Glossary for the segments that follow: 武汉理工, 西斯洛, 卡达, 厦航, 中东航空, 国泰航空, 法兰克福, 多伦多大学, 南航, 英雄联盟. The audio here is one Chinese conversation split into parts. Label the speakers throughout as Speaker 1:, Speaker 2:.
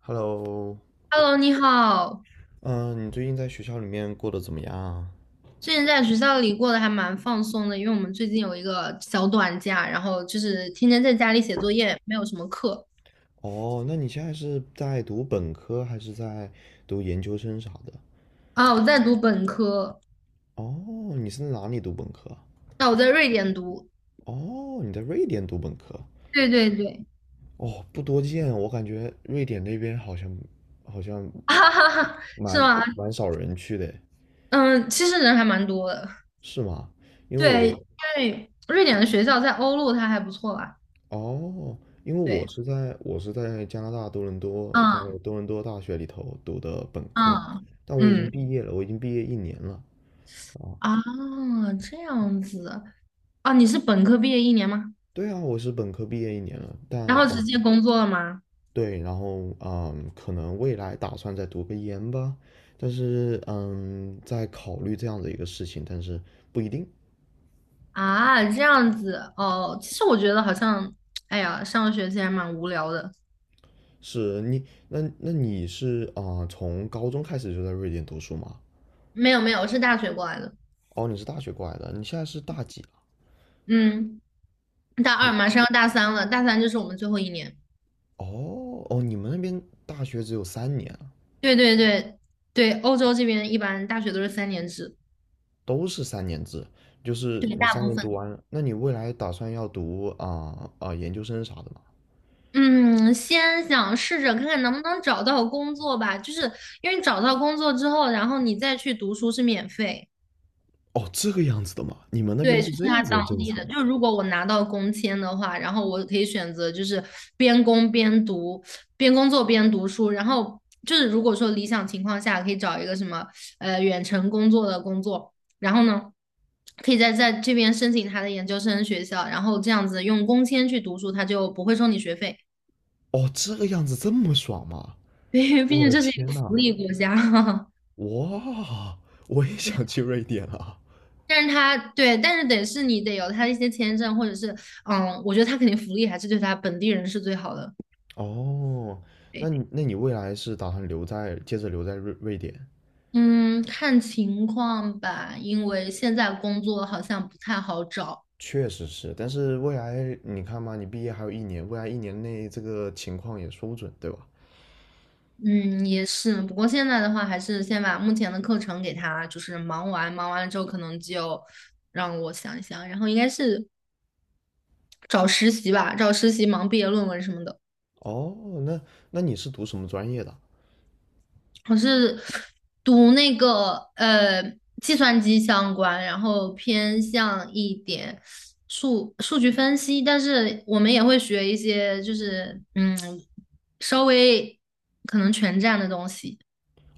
Speaker 1: Hello，
Speaker 2: Hello，你好。
Speaker 1: 嗯，你最近在学校里面过得怎么样啊？
Speaker 2: 之前在学校里过得还蛮放松的，因为我们最近有一个小短假，然后就是天天在家里写作业，没有什么课
Speaker 1: 哦，那你现在是在读本科还是在读研究生啥的？
Speaker 2: 啊。我在读本科，
Speaker 1: 哦，你是在哪里读本科啊。
Speaker 2: 那我在瑞典读。
Speaker 1: 哦，你在瑞典读本科。
Speaker 2: 对对对，
Speaker 1: 哦，不多见，我感觉瑞典那边好像
Speaker 2: 哈哈哈，是
Speaker 1: 蛮
Speaker 2: 吗？
Speaker 1: 蛮少人去的，
Speaker 2: 嗯，其实人还蛮多的。
Speaker 1: 是吗？因为
Speaker 2: 对，因
Speaker 1: 我
Speaker 2: 为瑞典的学校在欧陆它还不错吧？
Speaker 1: 哦，因为我
Speaker 2: 对，
Speaker 1: 是在我是在加拿大多伦多，在
Speaker 2: 嗯
Speaker 1: 多伦多大学里头读的本科，
Speaker 2: 嗯
Speaker 1: 但我已经
Speaker 2: 嗯
Speaker 1: 毕业了，我已经毕业一年了啊。
Speaker 2: 啊，这样子啊，你是本科毕业一年吗？
Speaker 1: 对啊，我是本科毕业一年了，
Speaker 2: 然后直接工作了吗？
Speaker 1: 对，然后可能未来打算再读个研吧，但是在考虑这样的一个事情，但是不一定。
Speaker 2: 啊，这样子哦。其实我觉得好像，哎呀，上学其实还蛮无聊的。
Speaker 1: 是你，那你是从高中开始就在瑞典读书吗？
Speaker 2: 没有没有，我是大学过来的。
Speaker 1: 哦，你是大学过来的，你现在是大几。
Speaker 2: 嗯，大二马上要大三了，大三就是我们最后一年。
Speaker 1: 哦哦，你们那边大学只有三年啊。
Speaker 2: 对对对对，欧洲这边一般大学都是三年制，
Speaker 1: 都是三年制，就是
Speaker 2: 对，
Speaker 1: 你
Speaker 2: 大
Speaker 1: 三
Speaker 2: 部
Speaker 1: 年读
Speaker 2: 分。
Speaker 1: 完了那你未来打算要读研究生啥的吗？
Speaker 2: 嗯，先想试着看看能不能找到工作吧，就是因为找到工作之后，然后你再去读书是免费。
Speaker 1: 哦，这个样子的吗？你们那边
Speaker 2: 对，就
Speaker 1: 是
Speaker 2: 是
Speaker 1: 这样
Speaker 2: 他
Speaker 1: 子的
Speaker 2: 当
Speaker 1: 政
Speaker 2: 地
Speaker 1: 策？
Speaker 2: 的。就如果我拿到工签的话，然后我可以选择就是边工边读，边工作边读书。然后就是如果说理想情况下，可以找一个什么远程工作的工作，然后呢，可以在这边申请他的研究生学校，然后这样子用工签去读书，他就不会收你学费。
Speaker 1: 哦，这个样子这么爽吗？
Speaker 2: 因为毕
Speaker 1: 我
Speaker 2: 竟
Speaker 1: 的
Speaker 2: 这是一
Speaker 1: 天
Speaker 2: 个福
Speaker 1: 呐，
Speaker 2: 利国家。
Speaker 1: 哇，我也
Speaker 2: 对，
Speaker 1: 想去瑞典啊！
Speaker 2: 但是他对，但是得是你得有他的一些签证，或者是嗯，我觉得他肯定福利还是对他本地人是最好的。
Speaker 1: 哦，那
Speaker 2: 对，
Speaker 1: 你未来是打算留在接着留在瑞典？
Speaker 2: 嗯，看情况吧，因为现在工作好像不太好找。
Speaker 1: 确实是，但是未来你看嘛，你毕业还有一年，未来一年内这个情况也说不准，对吧？
Speaker 2: 嗯，也是，不过现在的话，还是先把目前的课程给他，就是忙完，忙完了之后，可能就让我想一想，然后应该是找实习吧，找实习忙毕业论文什么的。
Speaker 1: 哦，那那你是读什么专业的？
Speaker 2: 我是读那个计算机相关，然后偏向一点数据分析，但是我们也会学一些就是嗯稍微可能全站的东西。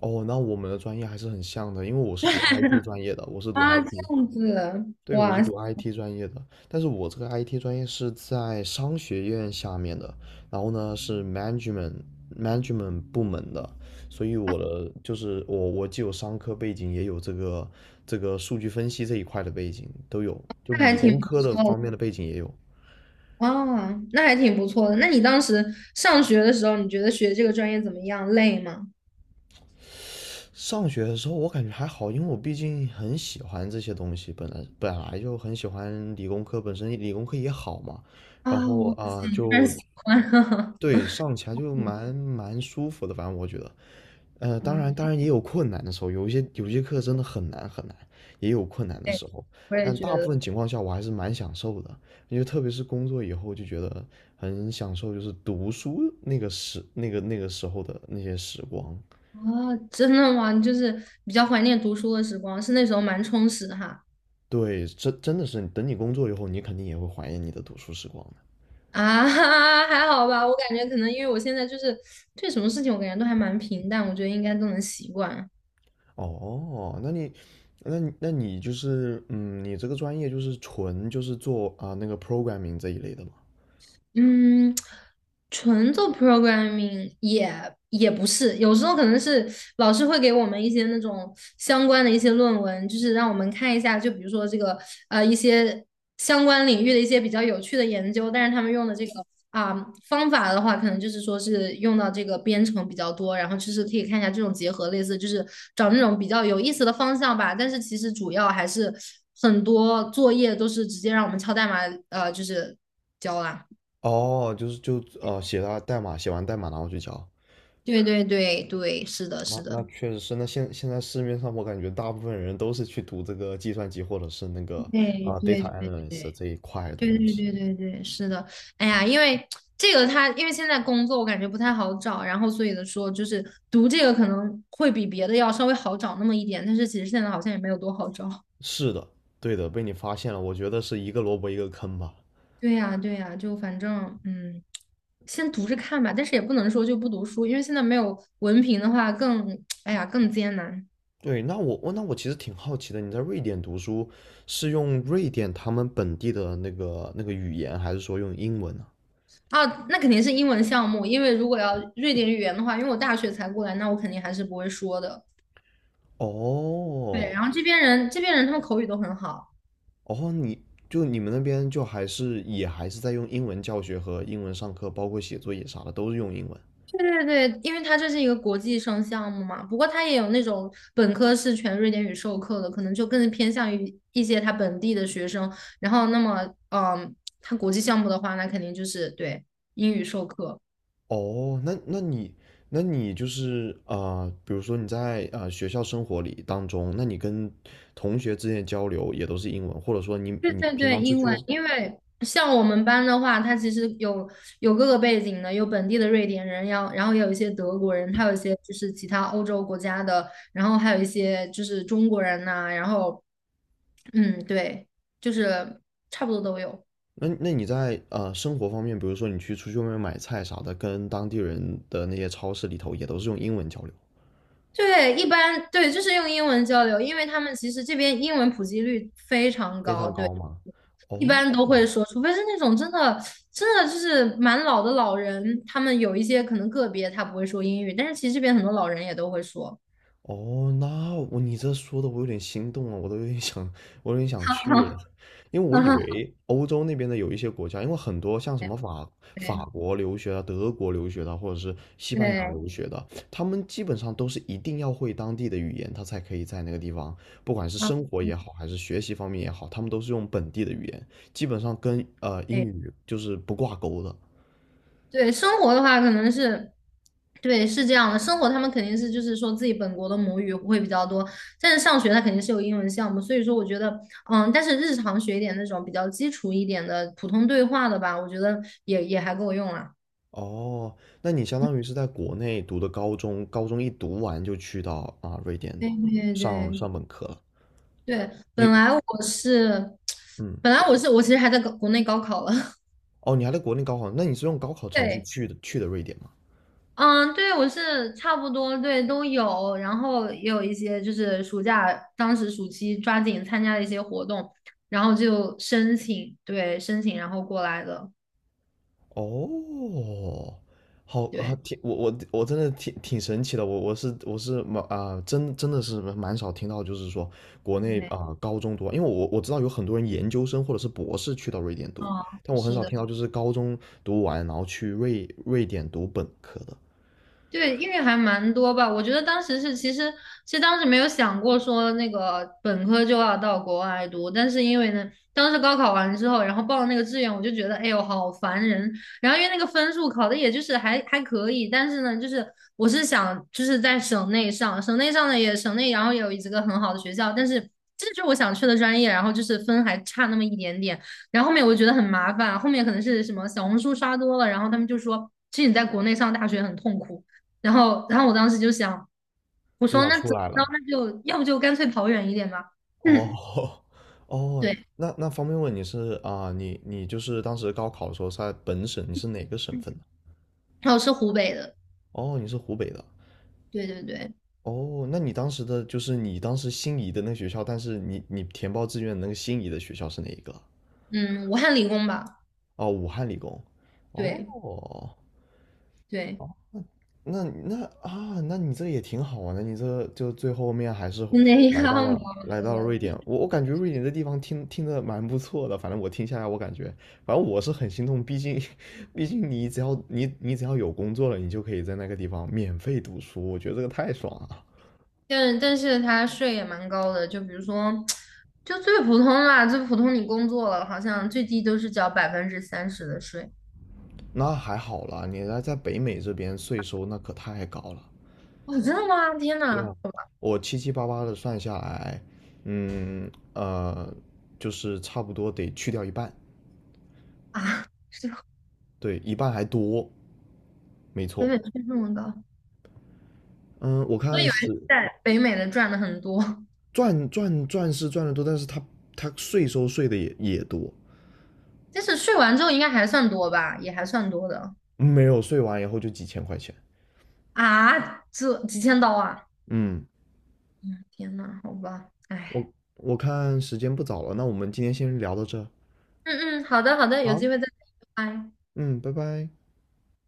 Speaker 1: 哦，那我们的专业还是很像的，因为我是读 IT 专业的，我是读
Speaker 2: 啊，这
Speaker 1: IT,
Speaker 2: 样子，
Speaker 1: 对，我
Speaker 2: 哇，
Speaker 1: 是读 IT 专业的，但是我这个 IT 专业是在商学院下面的，然后呢是 management 部门的，所以我的就是我既有商科背景，也有这个数据分析这一块的背景都有，就
Speaker 2: 那还
Speaker 1: 理
Speaker 2: 挺
Speaker 1: 工
Speaker 2: 不
Speaker 1: 科的
Speaker 2: 错
Speaker 1: 方面的背景也有。
Speaker 2: 的啊，那还挺不错的。那你当时上学的时候，你觉得学这个专业怎么样？累吗？
Speaker 1: 上学的时候我感觉还好，因为我毕竟很喜欢这些东西，本来就很喜欢理工科，本身理工科也好嘛，
Speaker 2: 啊，
Speaker 1: 然后
Speaker 2: 我嗯，但
Speaker 1: 就
Speaker 2: 喜欢，
Speaker 1: 对上起来就蛮舒服的，反正我觉得，当
Speaker 2: 嗯，
Speaker 1: 然也有困难的时候，有些课真的很难很难，也有困难的
Speaker 2: 对，
Speaker 1: 时候，
Speaker 2: 我也
Speaker 1: 但
Speaker 2: 觉
Speaker 1: 大部
Speaker 2: 得。
Speaker 1: 分情况下我还是蛮享受的，因为特别是工作以后就觉得很享受，就是读书那个时那个那个时候的那些时光。
Speaker 2: 哦，真的吗？你就是比较怀念读书的时光，是那时候蛮充实的哈。
Speaker 1: 对，真的是，等你工作以后，你肯定也会怀念你的读书时光的。
Speaker 2: 啊，还好吧，我感觉可能因为我现在就是对什么事情，我感觉都还蛮平淡，我觉得应该都能习惯。
Speaker 1: 哦，那你就是，你这个专业就是纯就是做那个 programming 这一类的吗？
Speaker 2: 嗯，纯做 programming 也不是，有时候可能是老师会给我们一些那种相关的一些论文，就是让我们看一下，就比如说这个一些相关领域的一些比较有趣的研究，但是他们用的这个啊、方法的话，可能就是说是用到这个编程比较多，然后就是可以看一下这种结合，类似就是找那种比较有意思的方向吧。但是其实主要还是很多作业都是直接让我们敲代码，就是交啦。
Speaker 1: 哦，就是写了代码，写完代码然后去交。
Speaker 2: 对对对对，是的，
Speaker 1: 那
Speaker 2: 是
Speaker 1: 那
Speaker 2: 的，
Speaker 1: 确实是，那现在市面上我感觉大部分人都是去读这个计算机或者是那个
Speaker 2: 对对
Speaker 1: data
Speaker 2: 对对
Speaker 1: analyst 这一块的东
Speaker 2: 对对
Speaker 1: 西。
Speaker 2: 对对对，是的。哎呀，因为这个他，因为现在工作我感觉不太好找，然后所以的说就是读这个可能会比别的要稍微好找那么一点，但是其实现在好像也没有多好找。
Speaker 1: 是的，对的，被你发现了，我觉得是一个萝卜一个坑吧。
Speaker 2: 对呀，对呀，就反正嗯，先读着看吧，但是也不能说就不读书，因为现在没有文凭的话更，哎呀，更艰难。
Speaker 1: 对，那我其实挺好奇的，你在瑞典读书是用瑞典他们本地的那个语言，还是说用英文呢？
Speaker 2: 啊，那肯定是英文项目，因为如果要瑞典语言的话，因为我大学才过来，那我肯定还是不会说的。对，
Speaker 1: 哦，
Speaker 2: 然后这边人他们口语都很好。
Speaker 1: 哦，你们那边就还是也还是在用英文教学和英文上课，包括写作业啥的都是用英文。
Speaker 2: 对对对，因为他这是一个国际生项目嘛，不过他也有那种本科是全瑞典语授课的，可能就更偏向于一些他本地的学生。然后，那么，嗯，他国际项目的话，那肯定就是对英语授课。
Speaker 1: 哦，那你就是比如说你在学校生活里当中，那你跟同学之间的交流也都是英文，或者说你
Speaker 2: 对
Speaker 1: 你
Speaker 2: 对
Speaker 1: 平
Speaker 2: 对，
Speaker 1: 常出
Speaker 2: 英
Speaker 1: 去
Speaker 2: 文，
Speaker 1: 玩，
Speaker 2: 因为像我们班的话，他其实有各个背景的，有本地的瑞典人，然后也有一些德国人，还有一些就是其他欧洲国家的，然后还有一些就是中国人呐、然后。嗯，对，就是差不多都有。
Speaker 1: 那你在生活方面，比如说你出去外面买菜啥的，跟当地人的那些超市里头也都是用英文交流，
Speaker 2: 对，一般对，就是用英文交流，因为他们其实这边英文普及率非常
Speaker 1: 非
Speaker 2: 高，
Speaker 1: 常
Speaker 2: 对，
Speaker 1: 高吗？
Speaker 2: 一
Speaker 1: 哦，
Speaker 2: 般都会说，除非是那种真的就是蛮老的老人，他们有一些可能个别他不会说英语，但是其实这边很多老人也都会说。
Speaker 1: 哦，你这说的我有点心动了，我都有点想，我有点 想去了，因为我
Speaker 2: 哈
Speaker 1: 以
Speaker 2: 哈，
Speaker 1: 为欧洲那边的有一些国家，因为很多像什么法法
Speaker 2: 对
Speaker 1: 国留学的、德国留学的啊，或者是西班牙
Speaker 2: 对，
Speaker 1: 留学的，他们基本上都是一定要会当地的语言，他才可以在那个地方，不管是
Speaker 2: 啊，
Speaker 1: 生活也好，还是学习方面也好，他们都是用本地的语言，基本上跟英语就是不挂钩的。
Speaker 2: 对，生活的话可能是，对，是这样的。生活他们肯定是就是说自己本国的母语会比较多，但是上学他肯定是有英文项目，所以说我觉得，嗯，但是日常学一点那种比较基础一点的普通对话的吧，我觉得也也还够用了。
Speaker 1: 哦，那你相当于是在国内读的高中，高中一读完就去到瑞典
Speaker 2: 对对
Speaker 1: 上
Speaker 2: 对
Speaker 1: 上本科了。
Speaker 2: 对，本
Speaker 1: 你
Speaker 2: 来我是，
Speaker 1: 嗯，
Speaker 2: 本来我是我其实还在国内高考了，
Speaker 1: 哦，你还在国内高考，那你是用高考 成绩
Speaker 2: 对。
Speaker 1: 去的瑞典吗？
Speaker 2: 嗯，对，我是差不多，对，都有，然后也有一些就是暑假，当时暑期抓紧参加了一些活动，然后就申请，对，申请然后过来的，
Speaker 1: 哦，好啊，
Speaker 2: 对，
Speaker 1: 我真的挺神奇的，我是蛮真的是蛮少听到，就是说国内
Speaker 2: 对，
Speaker 1: 高中读完，因为我知道有很多人研究生或者是博士去到瑞典读，
Speaker 2: 嗯，
Speaker 1: 但我很
Speaker 2: 是
Speaker 1: 少
Speaker 2: 的。
Speaker 1: 听到就是高中读完然后去瑞典读本科的。
Speaker 2: 对，因为还蛮多吧。我觉得当时是，其实其实当时没有想过说那个本科就要到国外读，但是因为呢，当时高考完之后，然后报了那个志愿，我就觉得，哎呦，好烦人。然后因为那个分数考的也就是还还可以，但是呢，就是我是想就是在省内上，省内上的也省内，然后也有几个很好的学校，但是这就是我想去的专业，然后就是分还差那么一点点。然后后面我觉得很麻烦，后面可能是什么小红书刷多了，然后他们就说，其实你在国内上大学很痛苦。然后，然后我当时就想，我
Speaker 1: 就
Speaker 2: 说
Speaker 1: 想
Speaker 2: 那
Speaker 1: 出
Speaker 2: 怎么
Speaker 1: 来
Speaker 2: 着，
Speaker 1: 了。
Speaker 2: 那就要不就干脆跑远一点吧。嗯，
Speaker 1: 哦 哦，
Speaker 2: 对，
Speaker 1: 那方便问你是你就是当时高考的时候是在本省，你是哪个省份的？
Speaker 2: 然后是湖北的，
Speaker 1: 哦，你是湖北的。
Speaker 2: 对对对，
Speaker 1: 哦，那你当时的就是你当时心仪的那学校，但是你填报志愿的那个心仪的学校是哪一个？
Speaker 2: 嗯，武汉理工吧，
Speaker 1: 哦，武汉理工。
Speaker 2: 对
Speaker 1: 哦，
Speaker 2: 对，
Speaker 1: 那你这也挺好啊，那你这就最后面还是
Speaker 2: 就那样吧，我
Speaker 1: 来
Speaker 2: 觉
Speaker 1: 到了
Speaker 2: 得。
Speaker 1: 瑞典。我感觉瑞典这地方听着蛮不错的，反正我听下来，我感觉，反正我是很心痛，毕竟 毕竟你只要有工作了，你就可以在那个地方免费读书，我觉得这个太爽了。
Speaker 2: 但是他税也蛮高的，就比如说，就最普通啦，最普通你工作了，好像最低都是交30%的税。
Speaker 1: 那还好啦，你来在北美这边税收那可太高了。
Speaker 2: 哦，真的吗？天
Speaker 1: 对啊，
Speaker 2: 呐，好吧
Speaker 1: 我七七八八的算下来，嗯呃，就是差不多得去掉一半，
Speaker 2: 啊，
Speaker 1: 对，一半还多。没
Speaker 2: 北
Speaker 1: 错，
Speaker 2: 美税这么高，
Speaker 1: 嗯，我
Speaker 2: 我
Speaker 1: 看
Speaker 2: 以
Speaker 1: 是
Speaker 2: 为在北美的赚的很多。
Speaker 1: 赚是赚的多，但是他税收税的也多，
Speaker 2: 就是睡完之后应该还算多吧，也还算多的
Speaker 1: 没有税完以后就几千块钱。
Speaker 2: 啊，这几千刀啊！
Speaker 1: 嗯，
Speaker 2: 嗯，天呐，好吧，哎，
Speaker 1: 我看时间不早了，那我们今天先聊到这儿。
Speaker 2: 嗯嗯，好的好的，有机
Speaker 1: 好，
Speaker 2: 会再聊，拜拜。
Speaker 1: 嗯，拜拜。